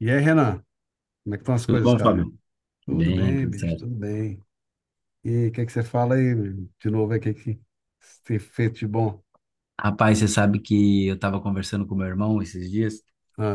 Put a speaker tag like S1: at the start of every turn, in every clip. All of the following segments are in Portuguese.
S1: E aí, Renan, como é que estão as
S2: Tudo
S1: coisas,
S2: bom,
S1: cara?
S2: Fábio?
S1: Tudo
S2: Bem,
S1: bem,
S2: tudo
S1: bicho,
S2: certo.
S1: tudo bem. E aí, o que é que você fala aí, meu? De novo, aí, o que é que você fez de bom?
S2: Rapaz, você sabe que eu tava conversando com meu irmão esses dias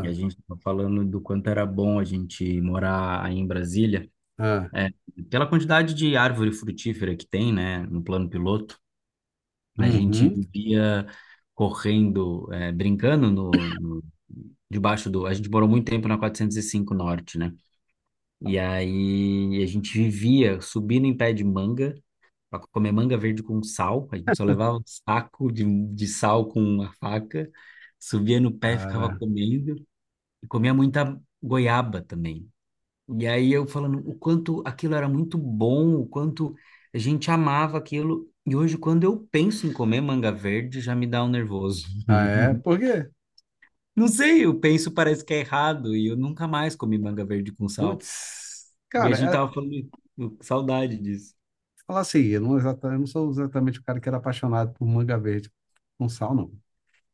S2: e a gente tava falando do quanto era bom a gente morar aí em Brasília,
S1: ah,
S2: é, pela quantidade de árvore frutífera que tem, né, no plano piloto. A gente
S1: uhum,
S2: vivia correndo, brincando debaixo do. A gente morou muito tempo na 405 Norte, né? E aí a gente vivia subindo em pé de manga para comer manga verde com sal. A gente só levava um saco de sal com uma faca, subia no pé, e ficava
S1: cara.
S2: comendo, e comia muita goiaba também. E aí eu falando o quanto aquilo era muito bom, o quanto a gente amava aquilo. E hoje, quando eu penso em comer manga verde, já me dá um nervoso.
S1: Ah, é? Por quê?
S2: Não sei, eu penso, parece que é errado, e eu nunca mais comi manga verde com sal.
S1: Putz,
S2: E a
S1: cara,
S2: gente
S1: é,
S2: tava falando, saudade disso.
S1: falar assim, eu não, eu não sou exatamente o cara que era apaixonado por manga verde com sal, não.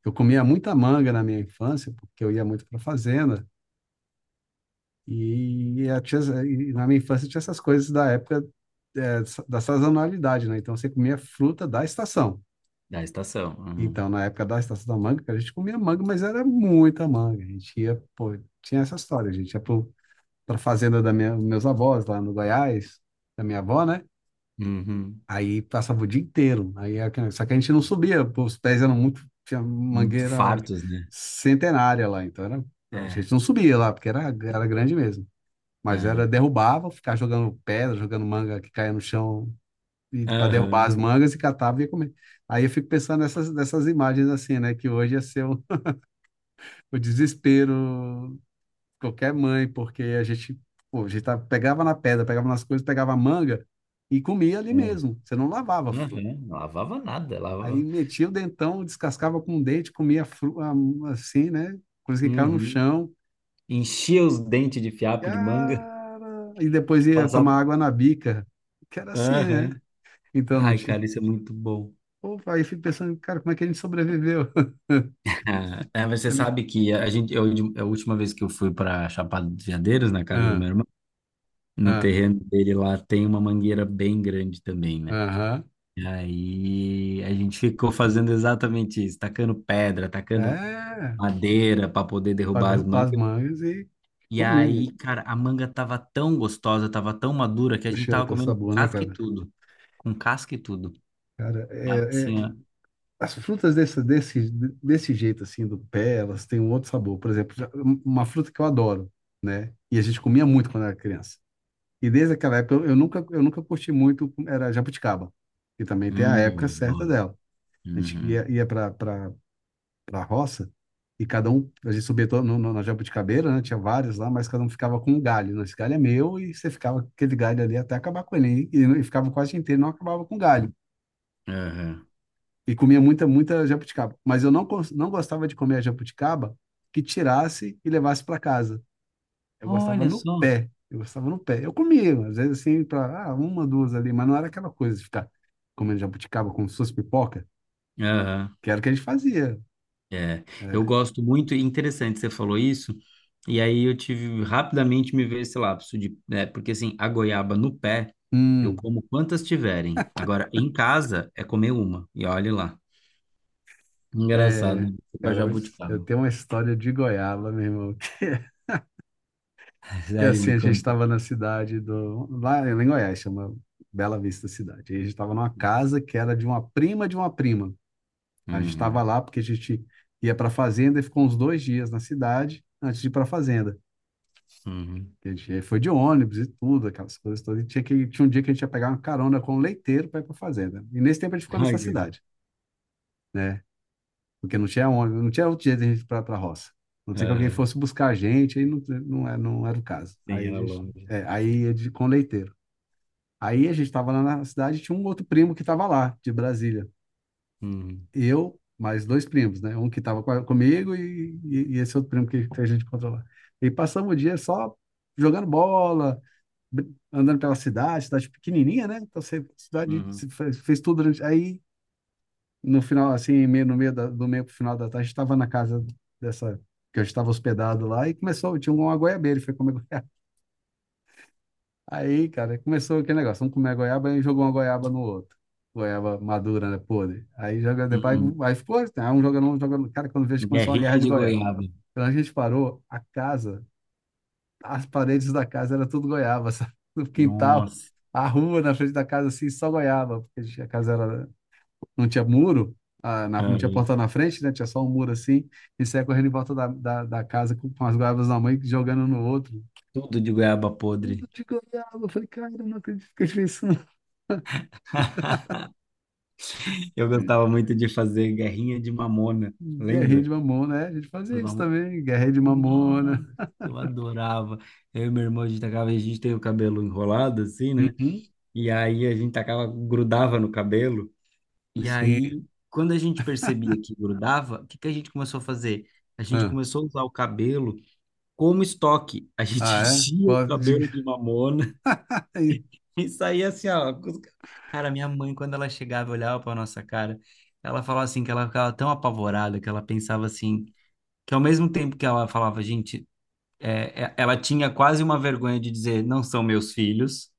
S1: Eu comia muita manga na minha infância, porque eu ia muito pra fazenda. E, eu tinha, e na minha infância tinha essas coisas da época, é, da sazonalidade, né? Então você comia fruta da estação.
S2: Da estação. Uhum.
S1: Então, na época da estação da manga, a gente comia manga, mas era muita manga. A gente ia, pô, tinha essa história, a gente ia pra fazenda meus avós, lá no Goiás, da minha avó, né?
S2: Uhum.
S1: Aí passava o dia inteiro. Aí, só que a gente não subia, pô, os pés eram muito, tinha
S2: Muito
S1: mangueira
S2: fartos, né?
S1: centenária lá, então era, a
S2: É.
S1: gente não subia lá, porque era grande mesmo. Mas era
S2: Aham.
S1: derrubava, ficava jogando pedra, jogando manga que caía no chão e para derrubar as
S2: Aham.
S1: mangas e catava e ia comer. Aí eu fico pensando nessas imagens assim, né? Que hoje ia ser o desespero de qualquer mãe, porque a gente, pô, a gente pegava na pedra, pegava nas coisas, pegava a manga e comia ali
S2: Aham.
S1: mesmo. Você não lavava a fruta.
S2: Aham. Não lavava nada,
S1: Aí
S2: lavava.
S1: metia o dentão, descascava com o dente, comia a fruta assim, né? Coisa que caiu no
S2: Uhum.
S1: chão.
S2: Enchia os dentes de fiapo de manga,
S1: Cara! E depois ia tomar
S2: passava.
S1: água na bica, que era assim, né?
S2: Aham.
S1: Então não
S2: Ai,
S1: te.
S2: cara, isso é muito bom.
S1: Opa, aí eu fico pensando, cara, como é que a gente sobreviveu?
S2: Ah, é, você
S1: É me-
S2: sabe que a última vez que eu fui para Chapada dos Veadeiros, na casa do
S1: Ah,
S2: meu irmão, no
S1: ah,
S2: terreno dele lá tem uma mangueira bem grande também, né?
S1: aham.
S2: E aí a gente ficou fazendo exatamente isso, tacando pedra, tacando
S1: É,
S2: madeira para poder
S1: para
S2: derrubar as.
S1: derrubar as mangas e
S2: E
S1: comer, meu.
S2: aí, cara, a manga tava tão gostosa, tava tão madura que a gente
S1: Poxa,
S2: tava
S1: tá
S2: comendo com
S1: sabor, né,
S2: casca e
S1: cara?
S2: tudo. Com casca e tudo.
S1: Cara,
S2: Tava assim, ó.
S1: as frutas desse jeito, assim, do pé, elas têm um outro sabor. Por exemplo, uma fruta que eu adoro, né? E a gente comia muito quando era criança. E desde aquela época, eu nunca curti muito, era jabuticaba. E também tem a
S2: Hum,
S1: época certa
S2: adoro.
S1: dela. A gente
S2: Uhum.
S1: ia para a roça, e cada um, a gente subia todo no, no, na jabuticabeira, né? Tinha vários lá, mas cada um ficava com um galho, né? Esse galho é meu, e você ficava com aquele galho ali até acabar com ele, e ficava quase inteiro, não acabava com galho.
S2: Aham.
S1: E comia muita, muita jabuticaba. Mas eu não gostava de comer a jabuticaba que tirasse e levasse para casa. Eu gostava
S2: Olha
S1: no
S2: só.
S1: pé. Eu gostava no pé. Eu comia, às vezes assim, para ah, uma, duas ali, mas não era aquela coisa de ficar comendo jabuticaba como se fosse pipoca,
S2: Aham.
S1: que era o que a gente fazia.
S2: É. Eu
S1: É.
S2: gosto muito, e interessante, você falou isso. E aí eu tive rapidamente, me veio esse lapso de, né, porque assim, a goiaba no pé, eu
S1: Hum.
S2: como quantas tiverem. Agora, em casa, é comer uma. E olhe lá.
S1: É,
S2: Engraçado, com a
S1: cara, hoje eu
S2: jabuticaba.
S1: tenho uma história de goiaba, meu irmão. E
S2: Sério,
S1: assim,
S2: me
S1: a gente
S2: conta.
S1: estava na cidade do. Lá em Goiás, chama Bela Vista Cidade. E a gente estava numa casa que era de uma prima de uma prima. A gente estava
S2: Uhum.
S1: lá porque a gente ia para a fazenda e ficou uns dois dias na cidade antes de ir para a fazenda.
S2: Uhum.
S1: A gente foi de ônibus e tudo, aquelas coisas todas. E tinha tinha um dia que a gente ia pegar uma carona com um leiteiro para ir para a fazenda. E nesse tempo a gente ficou
S2: Ai,
S1: nessa
S2: que-
S1: cidade, né? Porque não tinha onde, não tinha outro jeito de a gente ir para a roça. A não ser que alguém
S2: aham.
S1: fosse buscar a gente, aí não, não, é, não era o caso.
S2: Sim,
S1: Aí a
S2: era
S1: gente,
S2: longe.
S1: é, aí é de, com leiteiro. Aí a gente estava lá na cidade, tinha um outro primo que estava lá, de Brasília.
S2: Uhum.
S1: Eu, mais dois primos, né? Um que estava comigo e esse outro primo que a gente encontrou lá. E passamos o dia só jogando bola, andando pela cidade, cidade pequenininha, né? Então, você, cidade,
S2: Uhum.
S1: você fez, fez tudo durante... Aí no final, assim, no meio do meio pro final da tarde, estava na casa dessa, que eu estava hospedado lá, e começou, tinha uma goiabeira, ele foi comer goiaba. Aí, cara, começou aquele negócio, vamos comer goiaba, e jogou uma goiaba no outro. Goiaba madura, né, podre. Aí joga, depois,
S2: Uhum.
S1: aí ficou, né, um jogando, um jogando. Cara, quando vejo, começou uma guerra
S2: Guerrinha
S1: de
S2: de
S1: goiaba.
S2: goiaba.
S1: Quando a gente parou, a casa, as paredes da casa era tudo goiaba, sabe? No quintal,
S2: Nossa.
S1: a rua na frente da casa, assim, só goiaba, porque a casa era, não tinha muro, não tinha
S2: Aham.
S1: porta na frente, né? Tinha só um muro assim. E saía correndo em volta da casa com as guardas na mãe jogando no outro.
S2: Tudo de goiaba
S1: Tudo
S2: podre.
S1: de goiaba. Eu falei, cara, eu não acredito que eu fiz isso. Não.
S2: Eu gostava muito de fazer guerrinha de mamona,
S1: Guerrinha
S2: lembra?
S1: de mamona, né? A gente fazia
S2: As
S1: isso
S2: mamo-
S1: também, guerrinha de mamona.
S2: Nossa, eu adorava. Eu e meu irmão, a gente tacava, a gente tem o cabelo enrolado, assim, né?
S1: Uhum.
S2: E aí a gente tacava, grudava no cabelo. E
S1: Sim.
S2: aí, quando a gente percebia que grudava, o que que a gente começou a fazer? A gente
S1: Ah,
S2: começou a usar o cabelo como estoque. A gente
S1: ah, é?
S2: tinha o
S1: Bota de...
S2: cabelo de mamona e saía assim, ó. Cara, minha mãe, quando ela chegava e olhava pra nossa cara, ela falava assim que ela ficava tão apavorada que ela pensava assim, que ao mesmo tempo que ela falava, gente, ela tinha quase uma vergonha de dizer, não são meus filhos.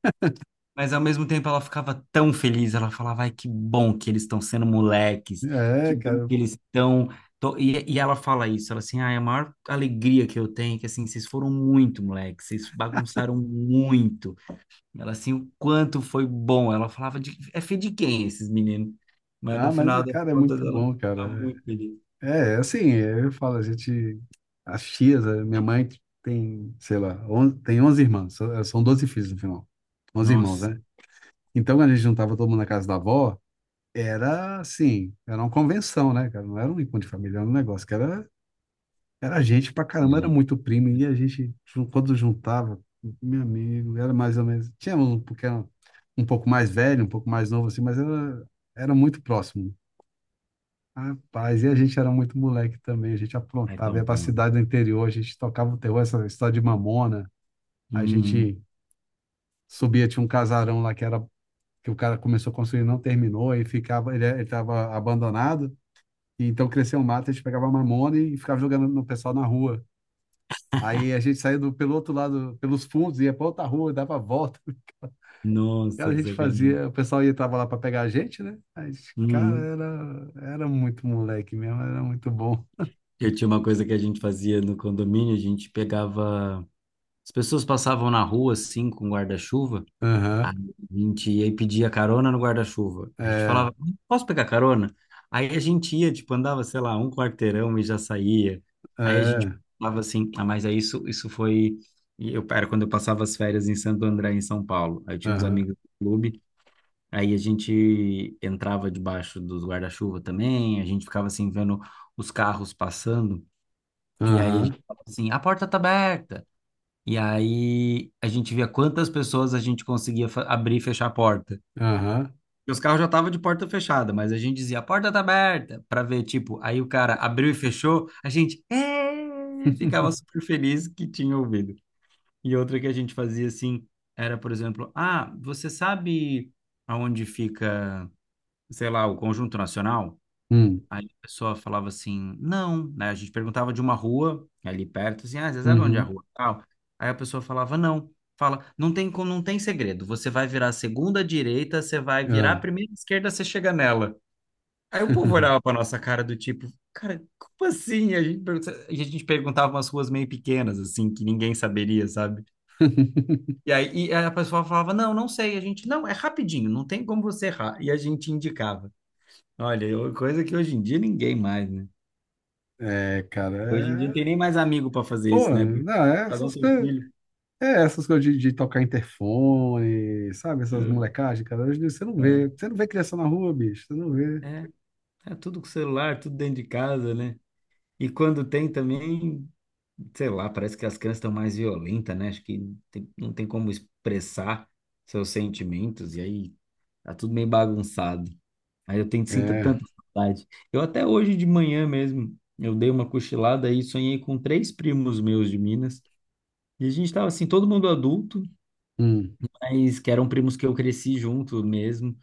S2: Mas ao mesmo tempo ela ficava tão feliz, ela falava, ai, que bom que eles estão sendo moleques, que
S1: É,
S2: bom
S1: cara.
S2: que eles estão. Tô-" E ela fala isso, ela assim, ai, a maior alegria que eu tenho é que assim, vocês foram muito moleques, vocês bagunçaram muito. Ela assim, o quanto foi bom. Ela falava de é filho de quem esses meninos? Mas no
S1: Ah, mas,
S2: final das
S1: cara, é
S2: contas
S1: muito
S2: ela
S1: bom,
S2: tá
S1: cara.
S2: muito feliz.
S1: É. É, assim, eu falo, a gente, as tias, a minha mãe tem, sei lá, tem 11 irmãs, são 12 filhos no final, 11 irmãos,
S2: Nossa,
S1: né? Então, quando a gente juntava todo mundo na casa da avó, era assim, era uma convenção, né, cara? Não era um encontro de família, era um negócio que era, era gente pra caramba, era
S2: gente,
S1: muito primo, e a gente, quando juntava, meu amigo, era mais ou menos, tínhamos um, porque era um pouco mais velho, um pouco mais novo, assim, mas era, era muito próximo. Rapaz, e a gente era muito moleque também, a gente
S2: ai,
S1: aprontava,
S2: tão
S1: ia pra
S2: bom, né?
S1: cidade do interior, a gente tocava o terror, essa história de mamona, a
S2: Hum,
S1: gente subia, tinha um casarão lá que era, que o cara começou a construir e não terminou, e ficava, ele tava abandonado, e então cresceu um mato, a gente pegava mamona e ficava jogando no pessoal na rua. Aí a gente saía do, pelo outro lado, pelos fundos, ia pra outra rua, dava a volta. Cara,
S2: nossa,
S1: a
S2: que
S1: gente
S2: sacanagem.
S1: fazia, o pessoal ia, tava lá pra pegar a gente, né? A gente, cara,
S2: Uhum.
S1: era muito moleque mesmo, era muito bom.
S2: Eu tinha uma coisa que a gente fazia no condomínio, a gente pegava. As pessoas passavam na rua assim com guarda-chuva,
S1: Aham,
S2: a gente ia e pedia carona no guarda-chuva. A gente
S1: é.
S2: falava, posso pegar carona? Aí a gente ia, tipo, andava, sei lá, um quarteirão e já saía. Aí a gente
S1: É,
S2: falava assim, ah, mas é isso, isso foi. E Eu, era quando eu passava as férias em Santo André, em São Paulo. Aí eu tinha uns
S1: aham,
S2: amigos do clube, aí a gente entrava debaixo dos guarda-chuva também, a gente ficava assim vendo os carros passando. E aí a
S1: aham,
S2: gente fala assim, a porta tá aberta. E aí a gente via quantas pessoas a gente conseguia abrir e fechar a porta.
S1: aham.
S2: E os carros já estavam de porta fechada, mas a gente dizia, a porta tá aberta, para ver, tipo, aí o cara abriu e fechou, a gente "É!" ficava super feliz que tinha ouvido. E outra que a gente fazia assim, era, por exemplo, ah, você sabe aonde fica, sei lá, o Conjunto Nacional?
S1: Hum,
S2: Aí a pessoa falava assim, não, né? A gente perguntava de uma rua ali perto, assim, ah, você sabe onde é a
S1: uhum,
S2: rua? Tal. Aí a pessoa falava, não. Fala, não tem, não tem segredo. Você vai virar a segunda direita, você vai virar a
S1: ah.
S2: primeira esquerda, você chega nela. Aí o povo olhava pra nossa cara do tipo, cara, como assim? A gente, a gente perguntava umas ruas meio pequenas, assim, que ninguém saberia, sabe? E aí e a pessoa falava, não, não sei. A gente, não, é rapidinho, não tem como você errar. E a gente indicava. Olha, coisa que hoje em dia ninguém mais, né?
S1: É, cara,
S2: Hoje em dia não tem nem
S1: é...
S2: mais amigo para fazer
S1: Pô,
S2: isso, né? Porque
S1: não,
S2: cada um tem um filho.
S1: é essas coisas de tocar interfone, sabe? Essas molecagens, cara, hoje em dia
S2: É,
S1: você não vê criança na rua, bicho, você não vê.
S2: é, é tudo com celular, tudo dentro de casa, né? E quando tem também, sei lá, parece que as crianças estão mais violentas, né? Acho que não tem como expressar seus sentimentos, e aí tá tudo meio bagunçado. Aí eu tenho, sinto
S1: É,
S2: tanta saudade. Eu até hoje de manhã mesmo, eu dei uma cochilada e sonhei com 3 primos meus de Minas. E a gente estava assim, todo mundo adulto,
S1: hum.
S2: mas que eram primos que eu cresci junto mesmo.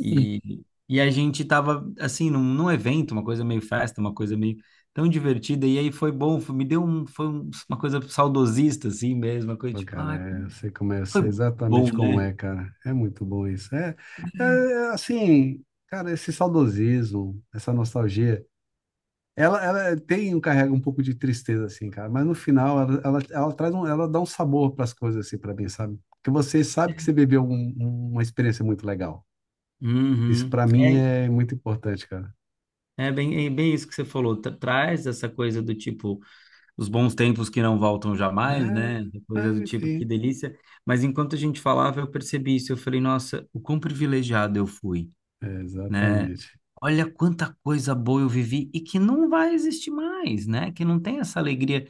S2: E, e a gente tava, assim, num evento, uma coisa meio festa, uma coisa meio tão divertida. E aí foi bom, me deu um, uma coisa saudosista, assim mesmo, uma coisa
S1: Pô,
S2: tipo,
S1: cara,
S2: ah,
S1: é, eu,
S2: como
S1: sei como é, eu
S2: foi
S1: sei exatamente
S2: bom,
S1: como
S2: né?
S1: é, cara. É muito bom isso. É, é assim, cara, esse saudosismo, essa nostalgia. Ela tem, carrega um pouco de tristeza, assim, cara, mas no final ela traz ela dá um sabor para as coisas, assim, para mim, sabe? Porque você sabe que você viveu uma experiência muito legal. Isso
S2: Uhum.
S1: para mim é muito importante, cara.
S2: É bem isso que você falou. Traz essa coisa do tipo, os bons tempos que não voltam jamais, né?
S1: É, é,
S2: Coisa do tipo, que
S1: enfim,
S2: delícia. Mas enquanto a gente falava, eu percebi isso. Eu falei, nossa, o quão privilegiado eu fui,
S1: é,
S2: né?
S1: exatamente.
S2: Olha quanta coisa boa eu vivi e que não vai existir mais, né? Que não tem essa alegria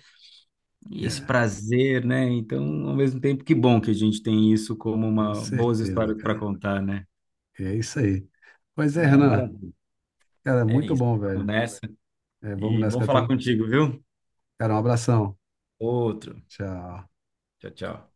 S2: e esse
S1: É,
S2: prazer, né? Então, ao mesmo tempo, que bom que a gente tem isso como
S1: com
S2: uma boas
S1: certeza,
S2: histórias para
S1: cara.
S2: contar, né?
S1: É isso aí. Pois é,
S2: É
S1: Renan,
S2: maravilha.
S1: cara,
S2: É
S1: muito
S2: isso.
S1: bom,
S2: Vamos
S1: velho.
S2: nessa.
S1: É, vamos
S2: E
S1: nessa,
S2: bom
S1: cara.
S2: falar
S1: Tem...
S2: contigo, viu?
S1: Cara, um abração.
S2: Outro.
S1: Tchau.
S2: Tchau, tchau.